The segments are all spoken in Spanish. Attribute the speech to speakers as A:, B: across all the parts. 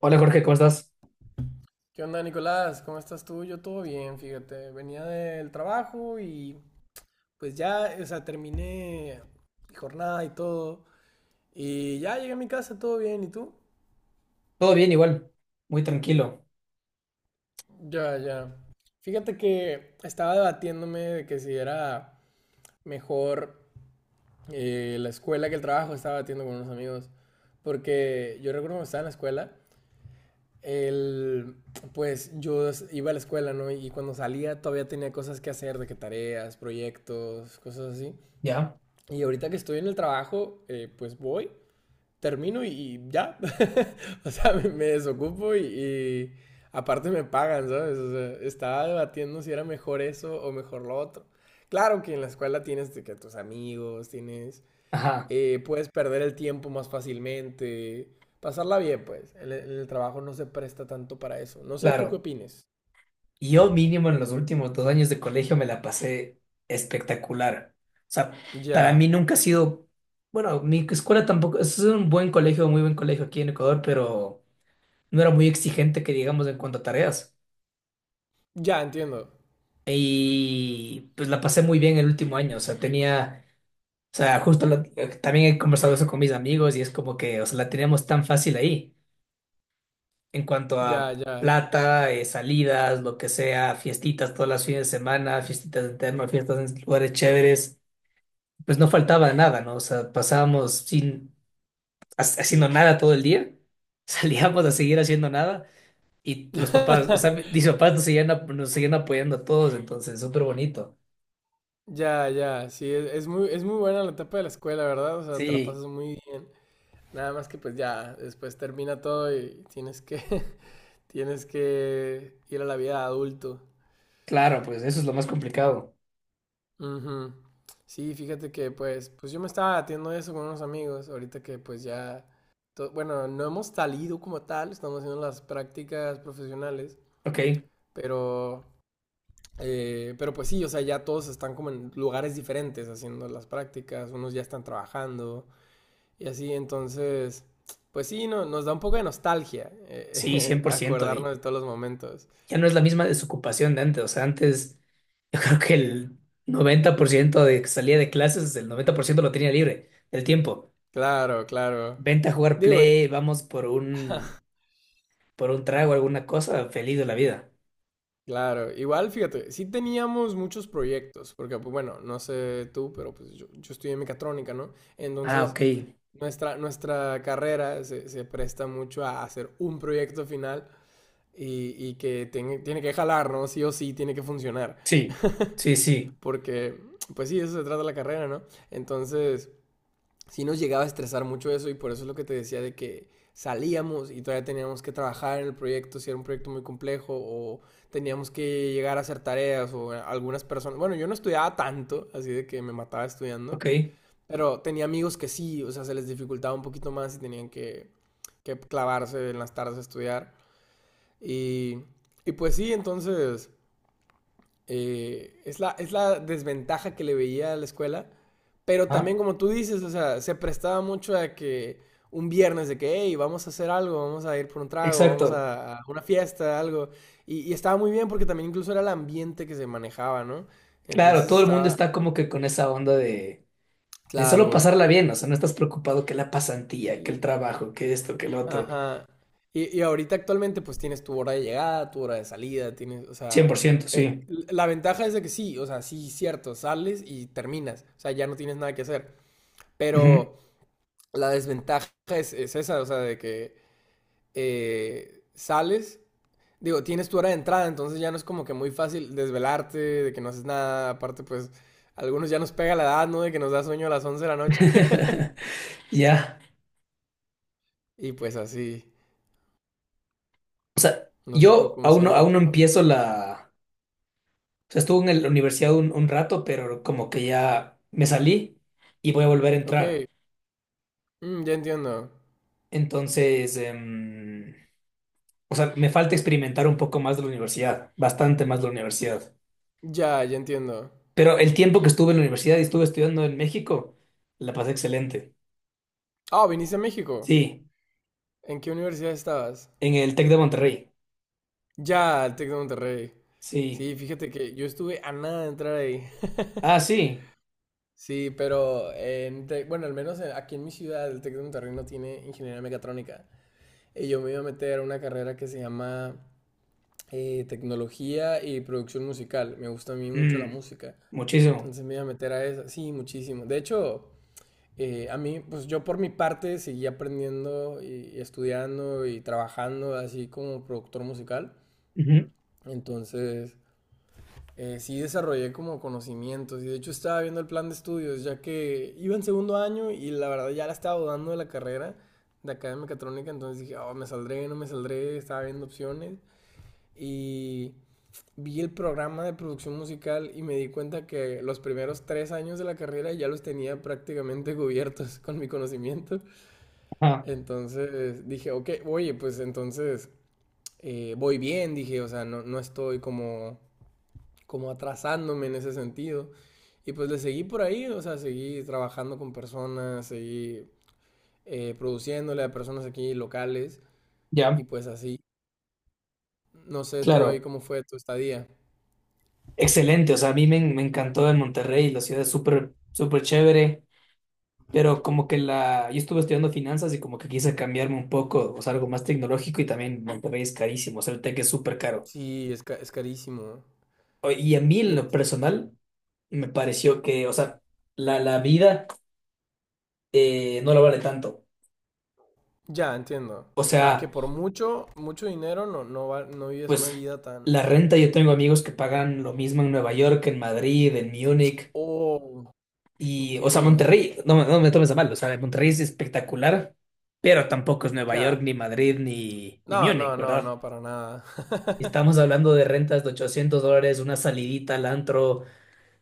A: Hola Jorge, ¿cómo estás?
B: ¿Qué onda, Nicolás? ¿Cómo estás tú? Yo todo bien, fíjate. Venía del trabajo y pues ya, o sea, terminé mi jornada y todo. Y ya llegué a mi casa, todo bien. ¿Y tú?
A: Todo bien igual, muy tranquilo.
B: Ya, ya. Fíjate que estaba debatiéndome de que si era mejor la escuela que el trabajo. Estaba debatiendo con unos amigos. Porque yo recuerdo cuando estaba en la escuela el, pues yo iba a la escuela, ¿no? Y cuando salía todavía tenía cosas que hacer, de que tareas, proyectos, cosas así.
A: ¿Ya?
B: Y ahorita que estoy en el trabajo, pues voy, termino y ya. O sea, me desocupo y, aparte me pagan, ¿sabes? O sea, estaba debatiendo si era mejor eso o mejor lo otro. Claro que en la escuela tienes que tus amigos, tienes
A: Ajá,
B: puedes perder el tiempo más fácilmente, pasarla bien, pues. En el trabajo no se presta tanto para eso. No sé tú qué
A: claro.
B: opines.
A: Yo mínimo en los últimos 2 años de colegio me la pasé espectacular. O sea, para mí
B: Ya,
A: nunca ha sido, bueno, mi escuela tampoco, es un buen colegio, muy buen colegio aquí en Ecuador, pero no era muy exigente que digamos en cuanto a tareas.
B: ya entiendo.
A: Y pues la pasé muy bien el último año, o sea, tenía, o sea, también he conversado eso con mis amigos y es como que, o sea, la teníamos tan fácil ahí en cuanto a
B: Ya, ya.
A: plata, salidas, lo que sea, fiestitas todas las fines de semana, fiestitas en terno, fiestas en lugares chéveres, pues no faltaba nada, ¿no? O sea, pasábamos sin haciendo nada todo el día, salíamos a seguir haciendo nada y los papás, o sea, mis papás nos seguían, nos seguían apoyando a todos, entonces, súper bonito.
B: Ya, ya. Sí, es muy buena la etapa de la escuela, ¿verdad? O sea, te la
A: Sí,
B: pasas muy bien. Nada más que pues ya, después termina todo y tienes que, tienes que ir a la vida de adulto.
A: claro, pues eso es lo más complicado.
B: Ujú. Sí, fíjate que pues yo me estaba debatiendo eso con unos amigos, ahorita que pues ya, bueno, no hemos salido como tal, estamos haciendo las prácticas profesionales,
A: Ok,
B: pero, pero pues sí, o sea, ya todos están como en lugares diferentes haciendo las prácticas, unos ya están trabajando y así, entonces, pues sí, no, nos da un poco de nostalgia
A: sí, cien por ciento
B: acordarnos
A: Y
B: de todos los momentos.
A: ya no es la misma desocupación de antes, o sea, antes... Yo creo que el 90% de que salía de clases, el 90% lo tenía libre del tiempo.
B: Claro, claro.
A: Vente a jugar
B: Digo,
A: play, por un trago, alguna cosa, feliz de la vida.
B: claro, igual fíjate, sí teníamos muchos proyectos, porque pues, bueno, no sé tú, pero pues yo estudié mecatrónica, ¿no?
A: Ah,
B: Entonces,
A: ok.
B: nuestra carrera se presta mucho a hacer un proyecto final y que tiene que jalar, ¿no? Sí o sí, tiene que funcionar.
A: Sí, sí, sí.
B: Porque, pues sí, eso se trata la carrera, ¿no? Entonces, sí nos llegaba a estresar mucho eso y por eso es lo que te decía de que salíamos y todavía teníamos que trabajar en el proyecto, si era un proyecto muy complejo o teníamos que llegar a hacer tareas o algunas personas, bueno, yo no estudiaba tanto, así de que me mataba estudiando,
A: Ok.
B: pero tenía amigos que sí, o sea, se les dificultaba un poquito más y tenían que clavarse en las tardes a estudiar y, y pues sí, entonces es la desventaja que le veía a la escuela. Pero
A: Ah,
B: también, como tú dices, o sea, se prestaba mucho a que un viernes de que, hey, vamos a hacer algo, vamos a ir por un trago, vamos
A: exacto.
B: a una fiesta, algo. Y estaba muy bien porque también incluso era el ambiente que se manejaba, ¿no?
A: Claro,
B: Entonces
A: todo el mundo
B: estaba,
A: está como que con esa onda de solo
B: claro,
A: pasarla bien, o sea, no estás preocupado que la pasantía, que el
B: sí,
A: trabajo, que esto, que el otro.
B: ajá. Y ahorita actualmente pues tienes tu hora de llegada, tu hora de salida, tienes, o
A: cien por
B: sea,
A: ciento
B: eh,
A: sí.
B: la ventaja es de que sí, o sea, sí, cierto, sales y terminas, o sea, ya no tienes nada que hacer.
A: Ujú.
B: Pero la desventaja es esa, o sea, de que sales, digo, tienes tu hora de entrada, entonces ya no es como que muy fácil desvelarte, de que no haces nada, aparte pues a algunos ya nos pega la edad, ¿no? De que nos da sueño a las 11 de la noche.
A: Ya.
B: Y pues así,
A: O sea,
B: no sé tú
A: yo
B: cómo sea ahí
A: aún no
B: contigo.
A: empiezo la. O sea, estuve en la universidad un rato, pero como que ya me salí y voy a volver a
B: Ok,
A: entrar.
B: ya entiendo.
A: Entonces, o sea, me falta experimentar un poco más de la universidad, bastante más de la universidad.
B: Ya, ya entiendo.
A: Pero el tiempo que estuve en la universidad y estuve estudiando en México, la pasé excelente.
B: Ah, viniste a México.
A: Sí,
B: ¿En qué universidad estabas?
A: en el Tec de Monterrey.
B: Ya, el Tec de Monterrey.
A: Sí.
B: Sí, fíjate que yo estuve a nada de entrar ahí.
A: Ah, sí.
B: Sí, pero en bueno, al menos aquí en mi ciudad, el Tec de Monterrey no tiene ingeniería mecatrónica. Y yo me iba a meter a una carrera que se llama tecnología y producción musical. Me gusta a mí mucho la
A: Mm,
B: música.
A: muchísimo.
B: Entonces me iba a meter a esa. Sí, muchísimo. De hecho, a mí, pues yo por mi parte seguí aprendiendo y estudiando y trabajando así como productor musical.
A: Ujú.
B: Entonces, sí desarrollé como conocimientos y de hecho estaba viendo el plan de estudios ya que iba en segundo año y la verdad ya la estaba dudando de la carrera de acá de mecatrónica, entonces dije, oh, me saldré, no me saldré, estaba viendo opciones y vi el programa de producción musical y me di cuenta que los primeros 3 años de la carrera ya los tenía prácticamente cubiertos con mi conocimiento,
A: Ajá,
B: entonces dije, ok, oye, pues entonces voy bien, dije, o sea, no, no estoy como atrasándome en ese sentido. Y pues le seguí por ahí, o sea, seguí trabajando con personas, seguí produciéndole a personas aquí locales
A: ya,
B: y pues así. No sé, tú ahí
A: claro.
B: cómo fue tu estadía.
A: Excelente. O sea, a me encantó en Monterrey, la ciudad es súper, súper chévere. Pero como que la, yo estuve estudiando finanzas y como que quise cambiarme un poco, o sea, algo más tecnológico y también Monterrey es carísimo, o sea, el tech es súper caro.
B: Sí, es carísimo.
A: Y a mí
B: Y
A: en lo personal me pareció que, o sea, la vida no la vale tanto.
B: ya, entiendo.
A: O
B: O sea, que
A: sea,
B: por mucho, mucho dinero no, no, no vives una
A: pues
B: vida tan...
A: la renta, yo tengo amigos que pagan lo mismo en Nueva York, en Madrid, en Múnich
B: Oh,
A: y, o sea,
B: entiendo.
A: Monterrey, no, no me tomes a mal, o sea, Monterrey es espectacular, pero tampoco es Nueva York,
B: Ya.
A: ni Madrid, ni
B: No, no,
A: Múnich,
B: no,
A: ¿verdad?
B: no, para nada.
A: Estamos hablando de rentas de $800, una salidita al antro,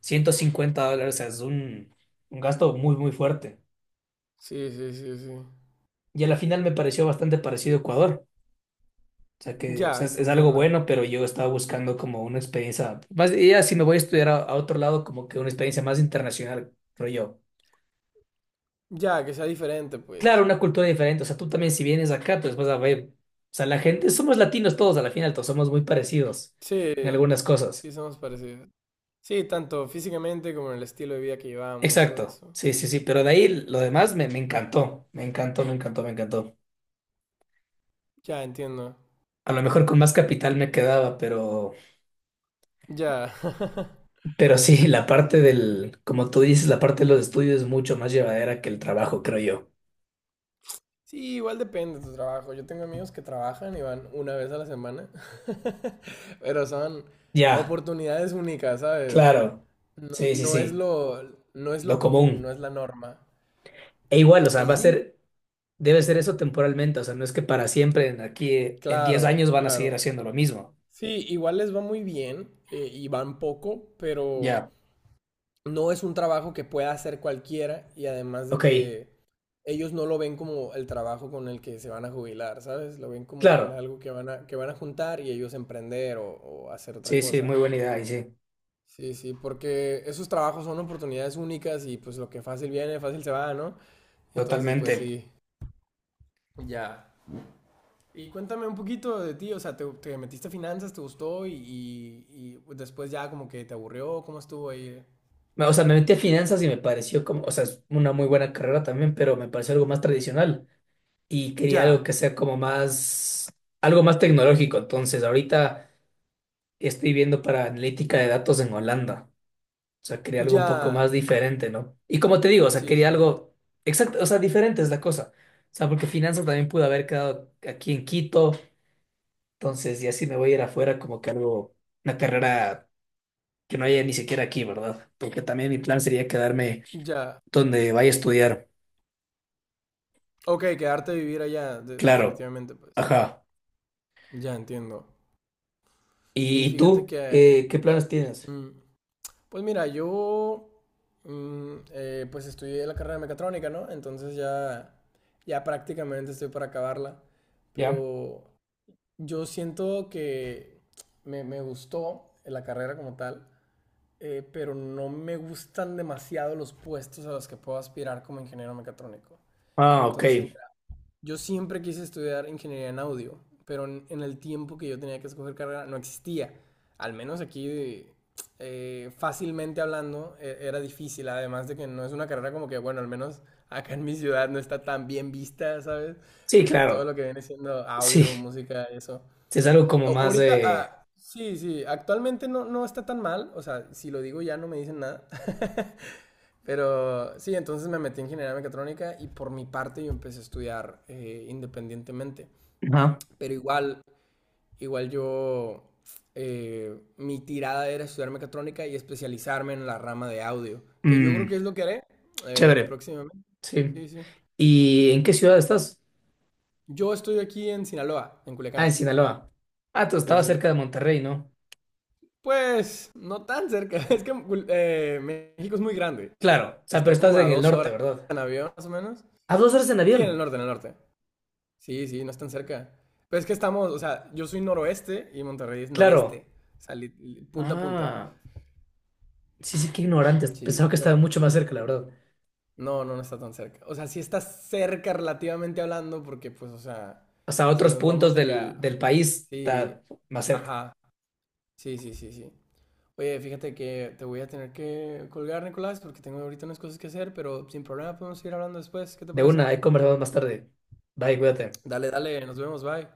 A: $150, o sea, es un gasto muy, muy fuerte.
B: Sí, sí, sí, sí.
A: Y a la final me pareció bastante parecido a Ecuador. O sea, que o sea,
B: Ya,
A: es algo
B: entiendo.
A: bueno, pero yo estaba buscando como una experiencia, más, ya si me voy a estudiar a otro lado, como que una experiencia más internacional, creo yo.
B: Ya, que sea diferente,
A: Claro,
B: pues.
A: una cultura diferente, o sea, tú también si vienes acá, pues vas a ver, o sea, la gente, somos latinos todos, a la final todos somos muy parecidos
B: Sí,
A: en algunas cosas.
B: sí, somos parecidos. Sí, tanto físicamente como en el estilo de vida que llevamos, todo
A: Exacto,
B: eso.
A: sí, sí, sí, pero de ahí lo demás me, me encantó, me encantó, me encantó, me encantó.
B: Ya, entiendo.
A: A lo mejor con más capital me quedaba,
B: Ya.
A: pero sí, la parte del, como tú dices, la parte de los estudios es mucho más llevadera que el trabajo, creo yo.
B: Sí, igual depende de tu trabajo. Yo tengo amigos que trabajan y van una vez a la semana, pero son
A: Ya,
B: oportunidades únicas, ¿sabes?
A: claro,
B: No,
A: sí, sí,
B: no es
A: sí,
B: lo, no es
A: lo
B: lo común, no
A: común.
B: es la norma.
A: E igual, o sea,
B: Y
A: va a
B: sí,
A: ser, debe ser eso temporalmente, o sea, no es que para siempre, en aquí, en 10
B: claro,
A: años van a seguir
B: claro.
A: haciendo lo mismo.
B: Sí, igual les va muy bien y van poco, pero
A: Ya,
B: no es un trabajo que pueda hacer cualquiera y además de
A: ok,
B: que ellos no lo ven como el trabajo con el que se van a jubilar, ¿sabes? Lo ven como con
A: claro,
B: algo que que van a juntar y ellos emprender o hacer otra
A: sí, sí, muy
B: cosa.
A: buena idea, y sí,
B: Sí, sí, porque esos trabajos son oportunidades únicas y pues lo que fácil viene, fácil se va, ¿no? Entonces, pues
A: totalmente.
B: sí. Ya. Y cuéntame un poquito de ti, o sea, ¿te metiste a finanzas, te gustó y después ya como que te aburrió? ¿Cómo estuvo ahí?
A: O sea, me metí a finanzas y me pareció como, o sea, es una muy buena carrera también, pero me pareció algo más tradicional y quería algo que
B: Ya,
A: sea como más, algo más tecnológico. Entonces, ahorita estoy viendo para analítica de datos en Holanda. O sea, quería algo un poco más
B: ya.
A: diferente, ¿no? Y como te digo, o sea,
B: Sí,
A: quería
B: sí, sí.
A: algo exacto, o sea, diferente es la cosa. O sea, porque finanzas también pude haber quedado aquí en Quito. Entonces, y así me voy a ir afuera como que algo, una carrera que no haya ni siquiera aquí, ¿verdad? Porque también mi plan sería quedarme
B: Ya.
A: donde vaya a estudiar.
B: Ok, quedarte a vivir allá,
A: Claro.
B: definitivamente, pues.
A: Ajá.
B: Ya entiendo. Sí,
A: Y
B: fíjate
A: tú?
B: que,
A: ¿Qué, qué planes tienes?
B: pues mira, yo, pues estudié la carrera de mecatrónica, ¿no? Entonces ya, ya prácticamente estoy para acabarla.
A: ¿Ya?
B: Pero yo siento que me gustó la carrera como tal, pero no me gustan demasiado los puestos a los que puedo aspirar como ingeniero mecatrónico.
A: Ah, ok.
B: Entonces yo siempre quise estudiar ingeniería en audio, pero en el tiempo que yo tenía que escoger carrera no existía. Al menos aquí, fácilmente hablando, era difícil. Además de que no es una carrera como que, bueno, al menos acá en mi ciudad no está tan bien vista, ¿sabes?
A: Sí,
B: Todo
A: claro.
B: lo que viene siendo
A: Sí.
B: audio, música, eso.
A: Sí, es algo como más
B: Ahorita,
A: de...
B: ah, sí, sí, actualmente no, no está tan mal. O sea, si lo digo ya no me dicen nada. Pero sí, entonces me metí en ingeniería mecatrónica y por mi parte yo empecé a estudiar independientemente.
A: Ajá.
B: Pero igual mi tirada era estudiar mecatrónica y especializarme en la rama de audio, que yo creo que
A: Mm,
B: es lo que haré
A: chévere.
B: próximamente.
A: Sí.
B: Sí, sí.
A: ¿Y en qué ciudad estás?
B: Yo estoy aquí en Sinaloa, en
A: Ah, en
B: Culiacán.
A: Sinaloa. Ah, tú
B: Sí,
A: estabas
B: sí.
A: cerca de Monterrey, ¿no?
B: Pues no tan cerca, es que México es muy grande.
A: Claro. O sea, pero
B: Está
A: estás
B: como a
A: en el
B: 2
A: norte,
B: horas
A: ¿verdad?
B: en avión, más o menos.
A: A 2 horas en
B: Sí,
A: avión.
B: en el norte, en el norte. Sí, sí, no es tan cerca. Pero es que estamos, o sea, yo soy noroeste y Monterrey es
A: Claro.
B: noreste. O sea, punta a punta.
A: Ah. Sí, sí, qué ignorantes.
B: Sí,
A: Pensaba que estaba
B: pero
A: mucho más cerca, la verdad.
B: no, no, no está tan cerca. O sea, sí está cerca relativamente hablando, porque pues, o sea,
A: Hasta
B: si
A: otros
B: nos vamos
A: puntos
B: de que
A: del país
B: Sí,
A: está más cerca.
B: ajá. Sí, sí, sí, sí. Oye, fíjate que te voy a tener que colgar, Nicolás, porque tengo ahorita unas cosas que hacer, pero sin problema podemos seguir hablando después. ¿Qué te
A: De
B: parece?
A: una, ahí conversamos más tarde. Bye, cuídate.
B: Dale, dale, nos vemos, bye.